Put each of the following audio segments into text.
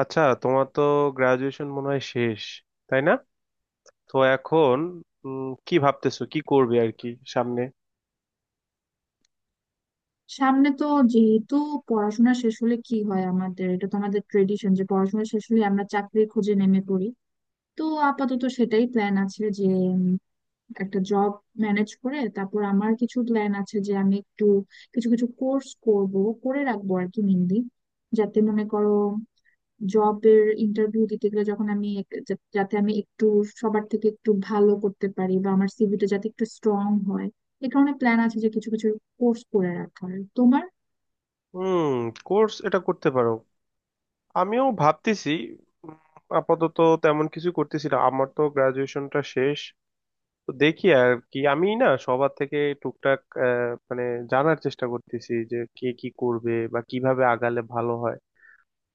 আচ্ছা, তোমার তো গ্রাজুয়েশন মনে হয় শেষ, তাই না? তো এখন কি ভাবতেছো, কি করবে আর কি সামনে? সামনে তো যেহেতু পড়াশোনা শেষ হলে কি হয় আমাদের, এটা তো আমাদের ট্রেডিশন যে পড়াশোনা শেষ হলে আমরা চাকরির খোঁজে নেমে পড়ি। তো আপাতত সেটাই প্ল্যান আছে যে উম, একটা জব ম্যানেজ করে তারপর আমার কিছু প্ল্যান আছে যে আমি একটু কিছু কিছু কোর্স করব, করে রাখবো আর কি, মেনলি যাতে মনে করো জবের ইন্টারভিউ দিতে গেলে যখন আমি যাতে আমি একটু সবার থেকে একটু ভালো করতে পারি বা আমার সিভিটা যাতে একটু স্ট্রং হয়। এ কারণে প্ল্যান আছে যে কিছু কিছু কোর্স করে রাখার। তোমার? হুম, কোর্স এটা করতে পারো। আমিও ভাবতেছি। উম, আপাতত তেমন কিছু করতেছি না, আমার তো গ্রাজুয়েশনটা শেষ। তো দেখি আর কি, আমি না সবার থেকে টুকটাক মানে জানার চেষ্টা করতেছি যে কে কি করবে বা কিভাবে আগালে ভালো হয়।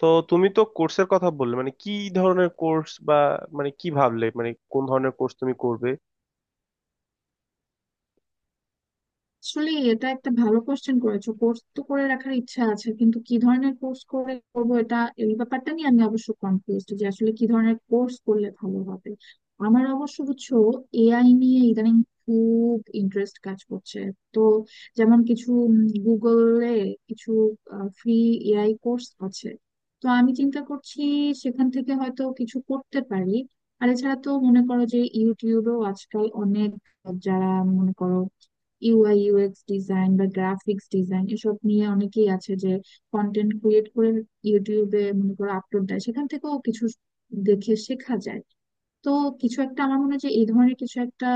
তো তুমি তো কোর্সের কথা বললে, মানে কি ধরনের কোর্স, বা মানে কি ভাবলে, মানে কোন ধরনের কোর্স তুমি করবে? আসলে এটা একটা ভালো কোশ্চেন করেছো। কোর্স তো করে রাখার ইচ্ছা আছে কিন্তু কি ধরনের কোর্স করে করবো, এটা এই ব্যাপারটা নিয়ে আমি অবশ্য কনফিউজড যে আসলে কি ধরনের কোর্স করলে ভালো হবে। আমার অবশ্য বুঝছো, এআই নিয়ে ইদানিং খুব ইন্টারেস্ট কাজ করছে। তো যেমন কিছু গুগলে কিছু ফ্রি এআই কোর্স আছে। তো আমি চিন্তা করছি সেখান থেকে হয়তো কিছু করতে পারি। আর এছাড়া তো মনে করো যে ইউটিউবেও আজকাল অনেক যারা মনে করো ইউআই ইউএক্স ডিজাইন বা গ্রাফিক্স ডিজাইন এসব নিয়ে অনেকেই আছে যে কন্টেন্ট ক্রিয়েট করে ইউটিউবে মনে করো আপলোড দেয়, সেখান থেকেও কিছু দেখে শেখা যায়। তো কিছু একটা, আমার মনে হয় যে এই ধরনের কিছু একটা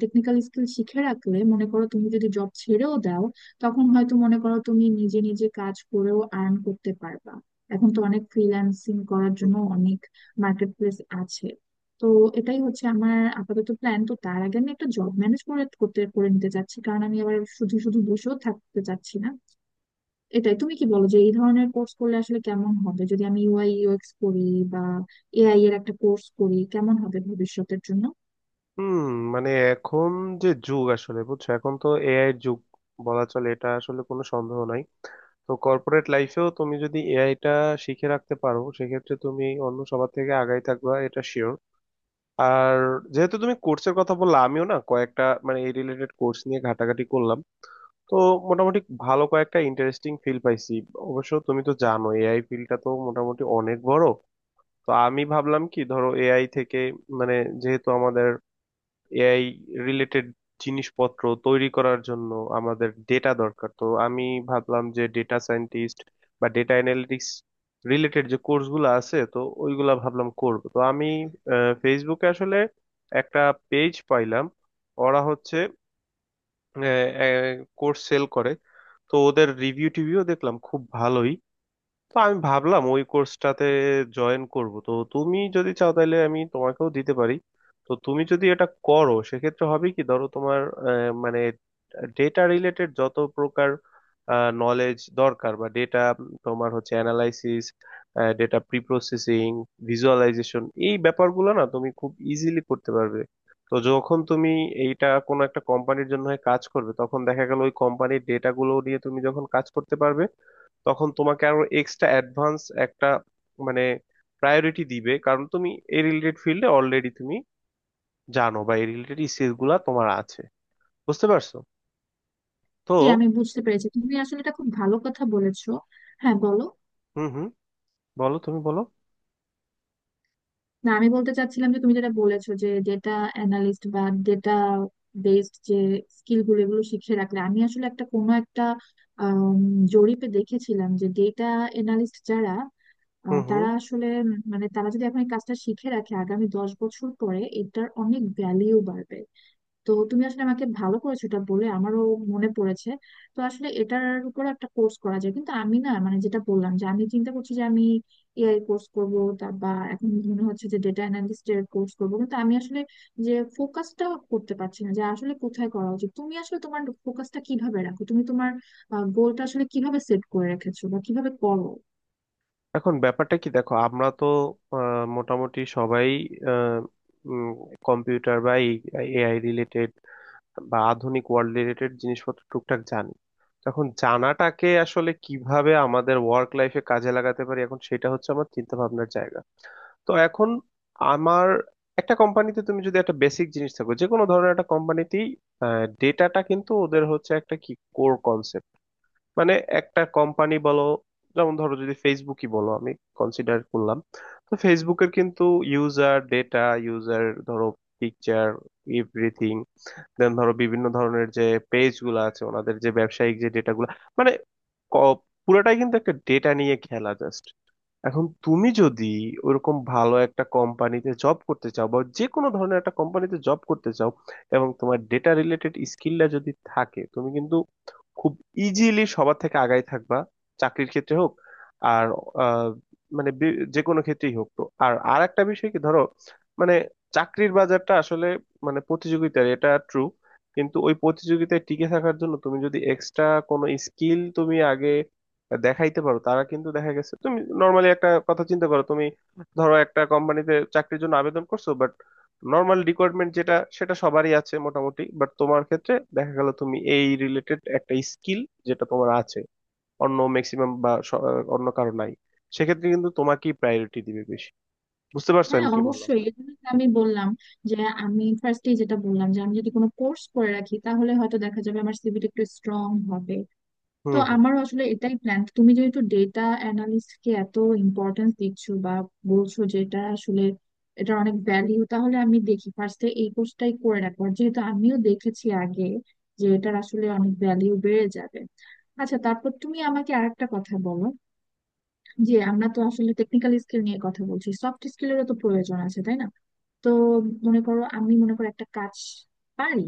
টেকনিক্যাল স্কিল শিখে রাখলে মনে করো তুমি যদি জব ছেড়েও দাও তখন হয়তো মনে করো তুমি নিজে নিজে কাজ করেও আর্ন করতে পারবা। এখন তো অনেক ফ্রিল্যান্সিং করার জন্য অনেক মার্কেট প্লেস আছে। তো এটাই হচ্ছে আমার আপাতত প্ল্যান। তো তার আগে আমি একটা জব ম্যানেজ করে নিতে চাচ্ছি কারণ আমি আবার শুধু শুধু বসেও থাকতে চাচ্ছি না। এটাই। তুমি কি বলো যে এই ধরনের কোর্স করলে আসলে কেমন হবে? যদি আমি ইউআই ইউএক্স করি বা এআই এর একটা কোর্স করি কেমন হবে ভবিষ্যতের জন্য? হুম, মানে এখন যে যুগ আসলে, বুঝছো, এখন তো এআই এর যুগ বলা চলে, এটা আসলে কোনো সন্দেহ নাই। তো কর্পোরেট লাইফেও তুমি যদি এআই টা শিখে রাখতে পারো, সেক্ষেত্রে তুমি অন্য সবার থেকে আগাই থাকবা, এটা শিওর। আর যেহেতু তুমি কোর্সের কথা বললা, আমিও না কয়েকটা মানে এই রিলেটেড কোর্স নিয়ে ঘাটাঘাটি করলাম। তো মোটামুটি ভালো কয়েকটা ইন্টারেস্টিং ফিল পাইছি। অবশ্য তুমি তো জানো এআই ফিল্ডটা তো মোটামুটি অনেক বড়। তো আমি ভাবলাম, কি ধরো, এআই থেকে মানে, যেহেতু আমাদের এআই রিলেটেড জিনিসপত্র তৈরি করার জন্য আমাদের ডেটা দরকার, তো আমি ভাবলাম যে ডেটা সায়েন্টিস্ট বা ডেটা অ্যানালিটিক্স রিলেটেড যে কোর্সগুলো আছে, তো ওইগুলা ভাবলাম করব। তো আমি ফেসবুকে আসলে একটা পেজ পাইলাম। ওরা হচ্ছে কোর্স সেল করে। তো ওদের রিভিউ টিভিউ দেখলাম, খুব ভালোই। তো আমি ভাবলাম ওই কোর্সটাতে জয়েন করব। তো তুমি যদি চাও তাহলে আমি তোমাকেও দিতে পারি। তো তুমি যদি এটা করো সেক্ষেত্রে হবে কি, ধরো, তোমার মানে ডেটা রিলেটেড যত প্রকার নলেজ দরকার, বা ডেটা, তোমার হচ্ছে অ্যানালাইসিস, ডেটা প্রিপ্রসেসিং, ভিজুয়ালাইজেশন, এই ব্যাপারগুলো না তুমি খুব ইজিলি করতে পারবে। তো যখন তুমি এইটা কোনো একটা কোম্পানির জন্য হয়ে কাজ করবে, তখন দেখা গেল ওই কোম্পানির ডেটাগুলো নিয়ে তুমি যখন কাজ করতে পারবে, তখন তোমাকে আরো এক্সট্রা অ্যাডভান্স একটা মানে প্রায়োরিটি দিবে, কারণ তুমি এই রিলেটেড ফিল্ডে অলরেডি তুমি জানো, বা এই রিলেটেড স্কিল গুলা তোমার আছে। বুঝতে পারছো? তো জি আমি বুঝতে পেরেছি, তুমি আসলে এটা খুব ভালো কথা বলেছো। হ্যাঁ বলো। হুম হুম, বলো, তুমি বলো। না আমি বলতে চাচ্ছিলাম যে তুমি যেটা বলেছো যে ডেটা অ্যানালিস্ট বা ডেটা বেসড যে স্কিল গুলো এগুলো শিখে রাখলে, আমি আসলে একটা কোনো একটা আম, জরিপে দেখেছিলাম যে ডেটা অ্যানালিস্ট যারা, হুম হুম। তারা আসলে মানে তারা যদি এখন এই কাজটা শিখে রাখে আগামী 10 বছর পরে এটার অনেক ভ্যালিউ বাড়বে। তো তুমি আসলে আমাকে ভালো করেছো এটা বলে, আমারও মনে পড়েছে। তো আসলে এটার উপর একটা কোর্স করা যায় কিন্তু আমি, না মানে, যেটা বললাম যে আমি চিন্তা করছি যে আমি এআই কোর্স করব তা, বা এখন মনে হচ্ছে যে ডেটা অ্যানালিস্ট এর কোর্স করবো, কিন্তু আমি আসলে যে ফোকাসটা করতে পারছি না যে আসলে কোথায় করা উচিত। তুমি আসলে তোমার ফোকাসটা কিভাবে রাখো? তুমি তোমার গোলটা আসলে কিভাবে সেট করে রেখেছো বা কিভাবে করো? এখন ব্যাপারটা কি, দেখো, আমরা তো মোটামুটি সবাই কম্পিউটার বা এআই রিলেটেড বা আধুনিক ওয়ার্ল্ড রিলেটেড জিনিসপত্র টুকটাক জানি। তখন জানাটাকে আসলে কিভাবে আমাদের ওয়ার্ক লাইফে কাজে লাগাতে পারি, এখন সেটা হচ্ছে আমার চিন্তা ভাবনার জায়গা। তো এখন আমার, একটা কোম্পানিতে তুমি যদি একটা বেসিক জিনিস থাকো, যে কোনো ধরনের একটা কোম্পানিতেই ডেটাটা কিন্তু ওদের হচ্ছে একটা কি কোর কনসেপ্ট। মানে একটা কোম্পানি বলো, যেমন ধরো যদি ফেসবুকই বলো, আমি কনসিডার করলাম, তো ফেসবুকের কিন্তু ইউজার ডেটা, ইউজার ধরো পিকচার, এভরিথিং, দেন ধরো বিভিন্ন ধরনের যে পেজ গুলো আছে ওনাদের যে ব্যবসায়িক যে ডেটা গুলো, মানে ক- পুরোটাই কিন্তু একটা ডেটা নিয়ে খেলা জাস্ট। এখন তুমি যদি ওরকম ভালো একটা কোম্পানিতে জব করতে চাও, বা যে কোনো ধরনের একটা কোম্পানিতে জব করতে চাও, এবং তোমার ডেটা রিলেটেড স্কিলটা যদি থাকে, তুমি কিন্তু খুব ইজিলি সবার থেকে আগাই থাকবা। চাকরির ক্ষেত্রে হোক, আর আহ, মানে যে কোনো ক্ষেত্রেই হোক। তো আর আর একটা বিষয় কি, ধরো, মানে চাকরির বাজারটা আসলে মানে প্রতিযোগিতার, এটা ট্রু, কিন্তু ওই প্রতিযোগিতায় টিকে থাকার জন্য তুমি যদি এক্সট্রা কোনো স্কিল তুমি আগে দেখাইতে পারো, তারা কিন্তু দেখা গেছে, তুমি নর্মালি একটা কথা চিন্তা করো, তুমি ধরো একটা কোম্পানিতে চাকরির জন্য আবেদন করছো, বাট নর্মাল রিকোয়ারমেন্ট যেটা, সেটা সবারই আছে মোটামুটি, বাট তোমার ক্ষেত্রে দেখা গেল তুমি এই রিলেটেড একটা স্কিল, যেটা তোমার আছে, অন্য ম্যাক্সিমাম বা অন্য কারো নাই, সেক্ষেত্রে কিন্তু তোমাকেই প্রায়োরিটি দিবে বেশি। বুঝতে পারছো হ্যাঁ আমি কি বললাম? অবশ্যই, এই জন্যই তো আমি বললাম যে আমি ফার্স্টে যেটা বললাম, যে আমি যদি কোনো কোর্স করে রাখি তাহলে হয়তো দেখা যাবে আমার সিভিটা একটু স্ট্রং হবে। তো হুম হুম আমারও আসলে এটাই প্ল্যান। তুমি যেহেতু ডেটা অ্যানালিস্ট কে এত ইম্পর্টেন্স দিচ্ছ বা বলছো যে এটা আসলে, এটা অনেক ভ্যালিউ, তাহলে আমি দেখি ফার্স্টে এই কোর্সটাই করে রাখবো আর যেহেতু আমিও দেখেছি আগে যে এটার আসলে অনেক ভ্যালিউ বেড়ে যাবে। আচ্ছা, তারপর তুমি আমাকে আরেকটা কথা বলো। যে আমরা তো আসলে টেকনিক্যাল স্কিল নিয়ে কথা বলছি, সফট স্কিলেরও তো প্রয়োজন আছে তাই না? তো মনে করো আমি মনে করো একটা কাজ পারি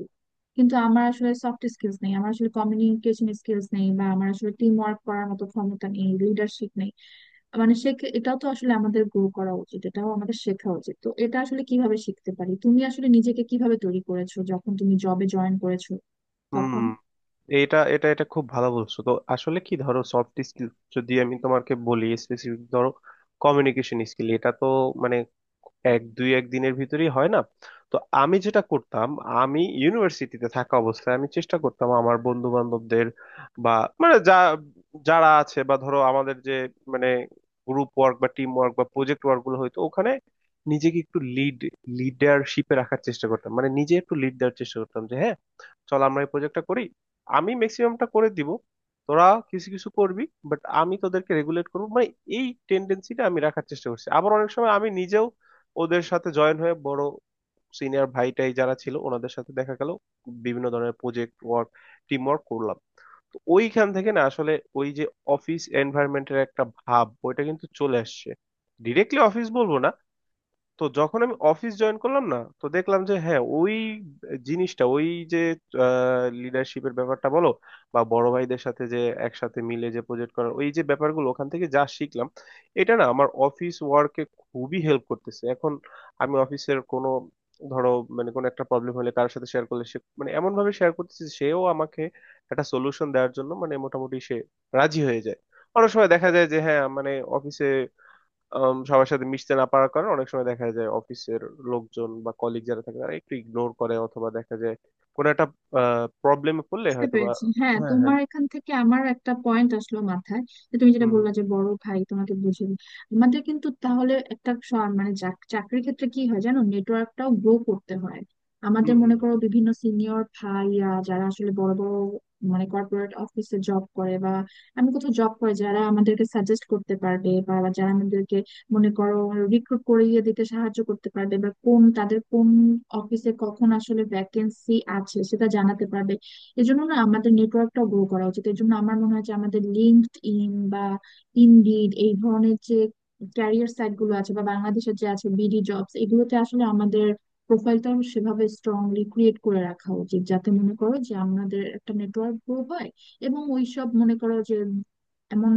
কিন্তু আমার আসলে সফট স্কিলস নেই, আমার আসলে কমিউনিকেশন স্কিলস নেই, বা আমার আসলে টিম ওয়ার্ক করার মতো ক্ষমতা নেই, লিডারশিপ নেই। মানে শেখে, এটাও তো আসলে আমাদের গ্রো করা উচিত, এটাও আমাদের শেখা উচিত। তো এটা আসলে কিভাবে শিখতে পারি? তুমি আসলে নিজেকে কিভাবে তৈরি করেছো যখন তুমি জবে জয়েন করেছো হুম। তখন? এটা এটা এটা খুব ভালো বলছো। তো আসলে কি, ধরো, সফট স্কিল, যদি আমি তোমাকে বলি স্পেসিফিক ধরো কমিউনিকেশন স্কিল, এটা তো মানে 1 দিনের ভিতরেই হয় না। তো আমি যেটা করতাম, আমি ইউনিভার্সিটিতে থাকা অবস্থায় আমি চেষ্টা করতাম আমার বন্ধু বান্ধবদের বা মানে যারা আছে, বা ধরো আমাদের যে মানে গ্রুপ ওয়ার্ক বা টিম ওয়ার্ক বা প্রজেক্ট ওয়ার্ক গুলো, হয়তো ওখানে নিজেকে একটু লিডারশিপে রাখার চেষ্টা করতাম, মানে নিজে একটু লিড দেওয়ার চেষ্টা করতাম যে হ্যাঁ চল আমরা এই প্রজেক্টটা করি, আমি ম্যাক্সিমামটা করে দিব, তোরা কিছু কিছু করবি, বাট আমি তোদেরকে রেগুলেট করবো। মানে এই টেন্ডেন্সিটা আমি রাখার চেষ্টা করছি। আবার অনেক সময় আমি নিজেও ওদের সাথে জয়েন হয়ে বড় সিনিয়র ভাইটাই যারা ছিল ওনাদের সাথে দেখা গেল বিভিন্ন ধরনের প্রজেক্ট ওয়ার্ক, টিম ওয়ার্ক করলাম। তো ওইখান থেকে না আসলে ওই যে অফিস এনভায়রনমেন্টের একটা ভাব, ওইটা কিন্তু চলে আসছে। ডিরেক্টলি অফিস বলবো না। তো যখন আমি অফিস জয়েন করলাম, না তো দেখলাম যে হ্যাঁ ওই জিনিসটা, ওই যে লিডারশিপের ব্যাপারটা বলো, বা বড় ভাইদের সাথে যে একসাথে মিলে যে প্রজেক্ট করার ওই যে ব্যাপারগুলো, ওখান থেকে যা শিখলাম এটা না আমার অফিস ওয়ার্কে খুবই হেল্প করতেছে এখন। আমি অফিসের কোনো, ধরো, মানে কোনো একটা প্রবলেম হলে কারোর সাথে শেয়ার করলে সে মানে এমন ভাবে শেয়ার করতেছে যে সেও আমাকে একটা সলিউশন দেওয়ার জন্য মানে মোটামুটি সে রাজি হয়ে যায়। অনেক সময় দেখা যায় যে হ্যাঁ মানে অফিসে সবার সাথে মিশতে না পারার কারণে অনেক সময় দেখা যায় অফিসের লোকজন বা কলিগ যারা থাকে তারা একটু ইগনোর করে, অথবা দেখা যায় কোনো একটা প্রবলেমে পড়লে বুঝতে হয়তো বা পেরেছি, হ্যাঁ। হ্যাঁ হ্যাঁ। তোমার এখান থেকে আমার একটা পয়েন্ট আসলো মাথায়, যে তুমি হুম যেটা হুম বললা যে বড় ভাই তোমাকে বুঝিয়ে দিবে। আমাদের কিন্তু তাহলে একটা মানে চাকরির ক্ষেত্রে কি হয় জানো, নেটওয়ার্কটাও গ্রো করতে হয়। হুম আমাদের হুম, মনে করো হুম, বিভিন্ন সিনিয়র ভাইয়া যারা আসলে বড় বড় মানে কর্পোরেট অফিসে জব করে বা আমি কোথাও জব করে, যারা আমাদেরকে সাজেস্ট করতে পারবে বা যারা আমাদেরকে মনে করো রিক্রুট করিয়ে দিতে সাহায্য করতে পারবে, বা কোন, তাদের কোন অফিসে কখন আসলে ভ্যাকেন্সি আছে সেটা জানাতে পারবে। এজন্য না আমাদের নেটওয়ার্কটা গ্রো করা উচিত, এই জন্য আমার মনে হয় যে আমাদের লিঙ্কড ইন বা ইনডিড এই ধরনের যে ক্যারিয়ার সাইট গুলো আছে, বা বাংলাদেশের যে আছে বিডি জবস, এগুলোতে আসলে আমাদের প্রোফাইলটা সেভাবে স্ট্রংলি ক্রিয়েট করে রাখা উচিত যাতে মনে করো যে আমাদের একটা নেটওয়ার্ক গ্রো হয় এবং ওইসব মনে করো যে এমন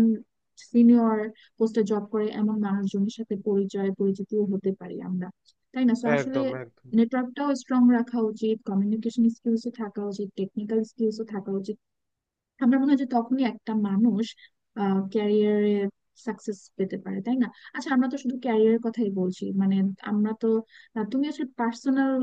সিনিয়র পোস্টে জব করে এমন মানুষজনের সাথে পরিচয় পরিচিতিও হতে পারি আমরা, তাই না। সো আসলে একদম একদম। নেটওয়ার্কটাও স্ট্রং রাখা উচিত, কমিউনিকেশন স্কিলসও থাকা উচিত, টেকনিক্যাল স্কিলসও থাকা উচিত। আমার মনে হয় যে তখনই একটা মানুষ ক্যারিয়ারে সাকসেস পেতে পারে, তাই না? আচ্ছা, আমরা তো শুধু ক্যারিয়ারের কথাই বলছি মানে আমরা তো, তুমি আসলে পার্সোনাল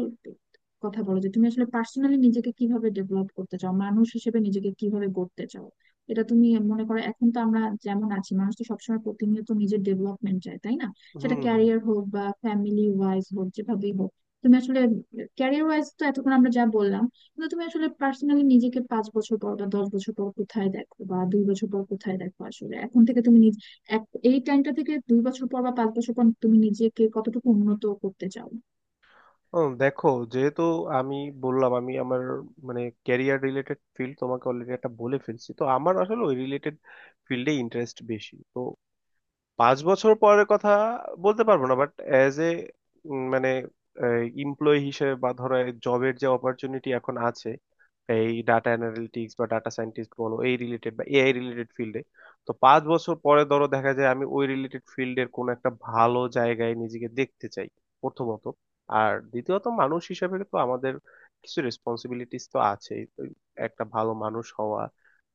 কথা বলো যে তুমি আসলে পার্সোনালি নিজেকে কিভাবে ডেভেলপ করতে চাও, মানুষ হিসেবে নিজেকে কিভাবে গড়তে চাও। এটা তুমি মনে করো, এখন তো আমরা যেমন আছি মানুষ তো সবসময় প্রতিনিয়ত নিজের ডেভেলপমেন্ট চায়, তাই না। সেটা হুম হুম। ক্যারিয়ার হোক বা ফ্যামিলি ওয়াইজ হোক, যেভাবেই হোক। তুমি আসলে ক্যারিয়ার ওয়াইজ তো এতক্ষণ আমরা যা বললাম, কিন্তু তুমি আসলে পার্সোনালি নিজেকে 5 বছর পর বা 10 বছর পর কোথায় দেখো, বা 2 বছর পর কোথায় দেখো আসলে এখন থেকে? তুমি এই টাইমটা থেকে 2 বছর পর বা 5 বছর পর তুমি নিজেকে কতটুকু উন্নত করতে চাও? ও, দেখো, যেহেতু আমি বললাম আমি আমার মানে ক্যারিয়ার রিলেটেড ফিল্ড তোমাকে অলরেডি একটা বলে ফেলছি, তো আমার আসলে ওই রিলেটেড ফিল্ডে ইন্টারেস্ট বেশি। তো 5 বছর পরের কথা বলতে পারবো না, বাট অ্যাজ এ মানে এমপ্লয়ি হিসেবে, বা ধরো জবের যে অপরচুনিটি এখন আছে এই ডাটা অ্যানালিটিক্স বা ডাটা সায়েন্টিস্ট বলো এই রিলেটেড বা এআই রিলেটেড ফিল্ডে, তো 5 বছর পরে ধরো দেখা যায় আমি ওই রিলেটেড ফিল্ডের কোনো একটা ভালো জায়গায় নিজেকে দেখতে চাই প্রথমত। আর দ্বিতীয়ত মানুষ হিসেবে তো আমাদের কিছু রেসপন্সিবিলিটিস তো আছেই। তো একটা ভালো মানুষ হওয়া,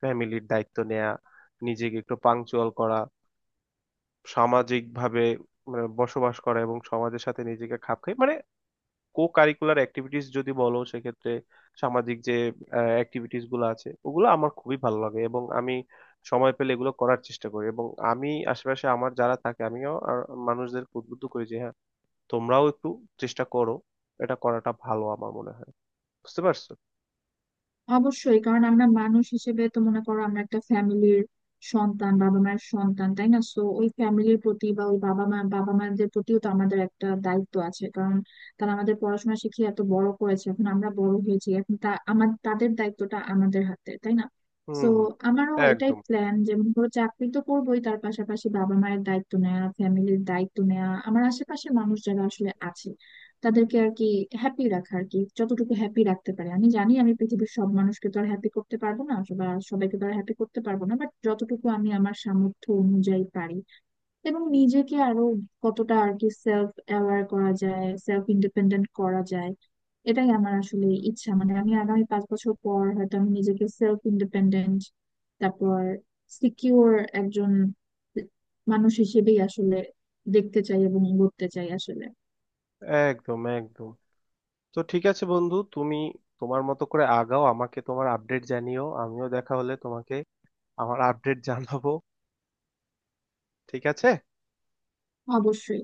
ফ্যামিলির দায়িত্ব নেওয়া, নিজেকে একটু পাংচুয়াল করা, সামাজিকভাবে মানে বসবাস করা এবং সমাজের সাথে নিজেকে খাপ খাই, মানে কো কারিকুলার অ্যাক্টিভিটিস যদি বলো সেক্ষেত্রে সামাজিক যে অ্যাক্টিভিটিস গুলো আছে ওগুলো আমার খুবই ভালো লাগে, এবং আমি সময় পেলে এগুলো করার চেষ্টা করি, এবং আমি আশেপাশে আমার যারা থাকে আমিও আর মানুষদেরকে উদ্বুদ্ধ করি যে হ্যাঁ তোমরাও একটু চেষ্টা করো, এটা করাটা ভালো আমার মনে হয়। বুঝতে পারছো? অবশ্যই। কারণ আমরা মানুষ হিসেবে তো মনে করো আমরা একটা ফ্যামিলির সন্তান, বাবা মায়ের সন্তান, তাই না। সো ওই ফ্যামিলির প্রতি বা ওই বাবা মাদের প্রতিও তো আমাদের একটা দায়িত্ব আছে কারণ তারা আমাদের পড়াশোনা শিখিয়ে এত বড় করেছে, এখন আমরা বড় হয়েছি, এখন তা আমার তাদের দায়িত্বটা আমাদের হাতে, তাই না। হুম তো হুম, আমারও এটাই একদম প্ল্যান যে মনে করো চাকরি তো করবোই, তার পাশাপাশি বাবা মায়ের দায়িত্ব নেওয়া, ফ্যামিলির দায়িত্ব নেওয়া, আমার আশেপাশে মানুষ যারা আসলে আছে তাদেরকে আর কি হ্যাপি রাখা আর কি, যতটুকু হ্যাপি রাখতে পারে। আমি জানি আমি পৃথিবীর সব মানুষকে তো আর হ্যাপি করতে পারবো না বা সবাইকে তো আর হ্যাপি করতে পারবো না, বাট যতটুকু আমি আমার সামর্থ্য অনুযায়ী পারি। এবং নিজেকে আরো কতটা আর কি সেলফ অ্যাওয়ার করা যায়, সেলফ ইন্ডিপেন্ডেন্ট করা যায়, এটাই আমার আসলে ইচ্ছা। মানে আমি আগামী 5 বছর পর হয়তো আমি নিজেকে সেলফ ইন্ডিপেন্ডেন্ট, তারপর সিকিউর, একজন মানুষ হিসেবেই আসলে দেখতে চাই এবং গড়তে চাই আসলে। একদম একদম। তো ঠিক আছে বন্ধু, তুমি তোমার মতো করে আগাও, আমাকে তোমার আপডেট জানিও, আমিও দেখা হলে তোমাকে আমার আপডেট জানাবো। ঠিক আছে। অবশ্যই।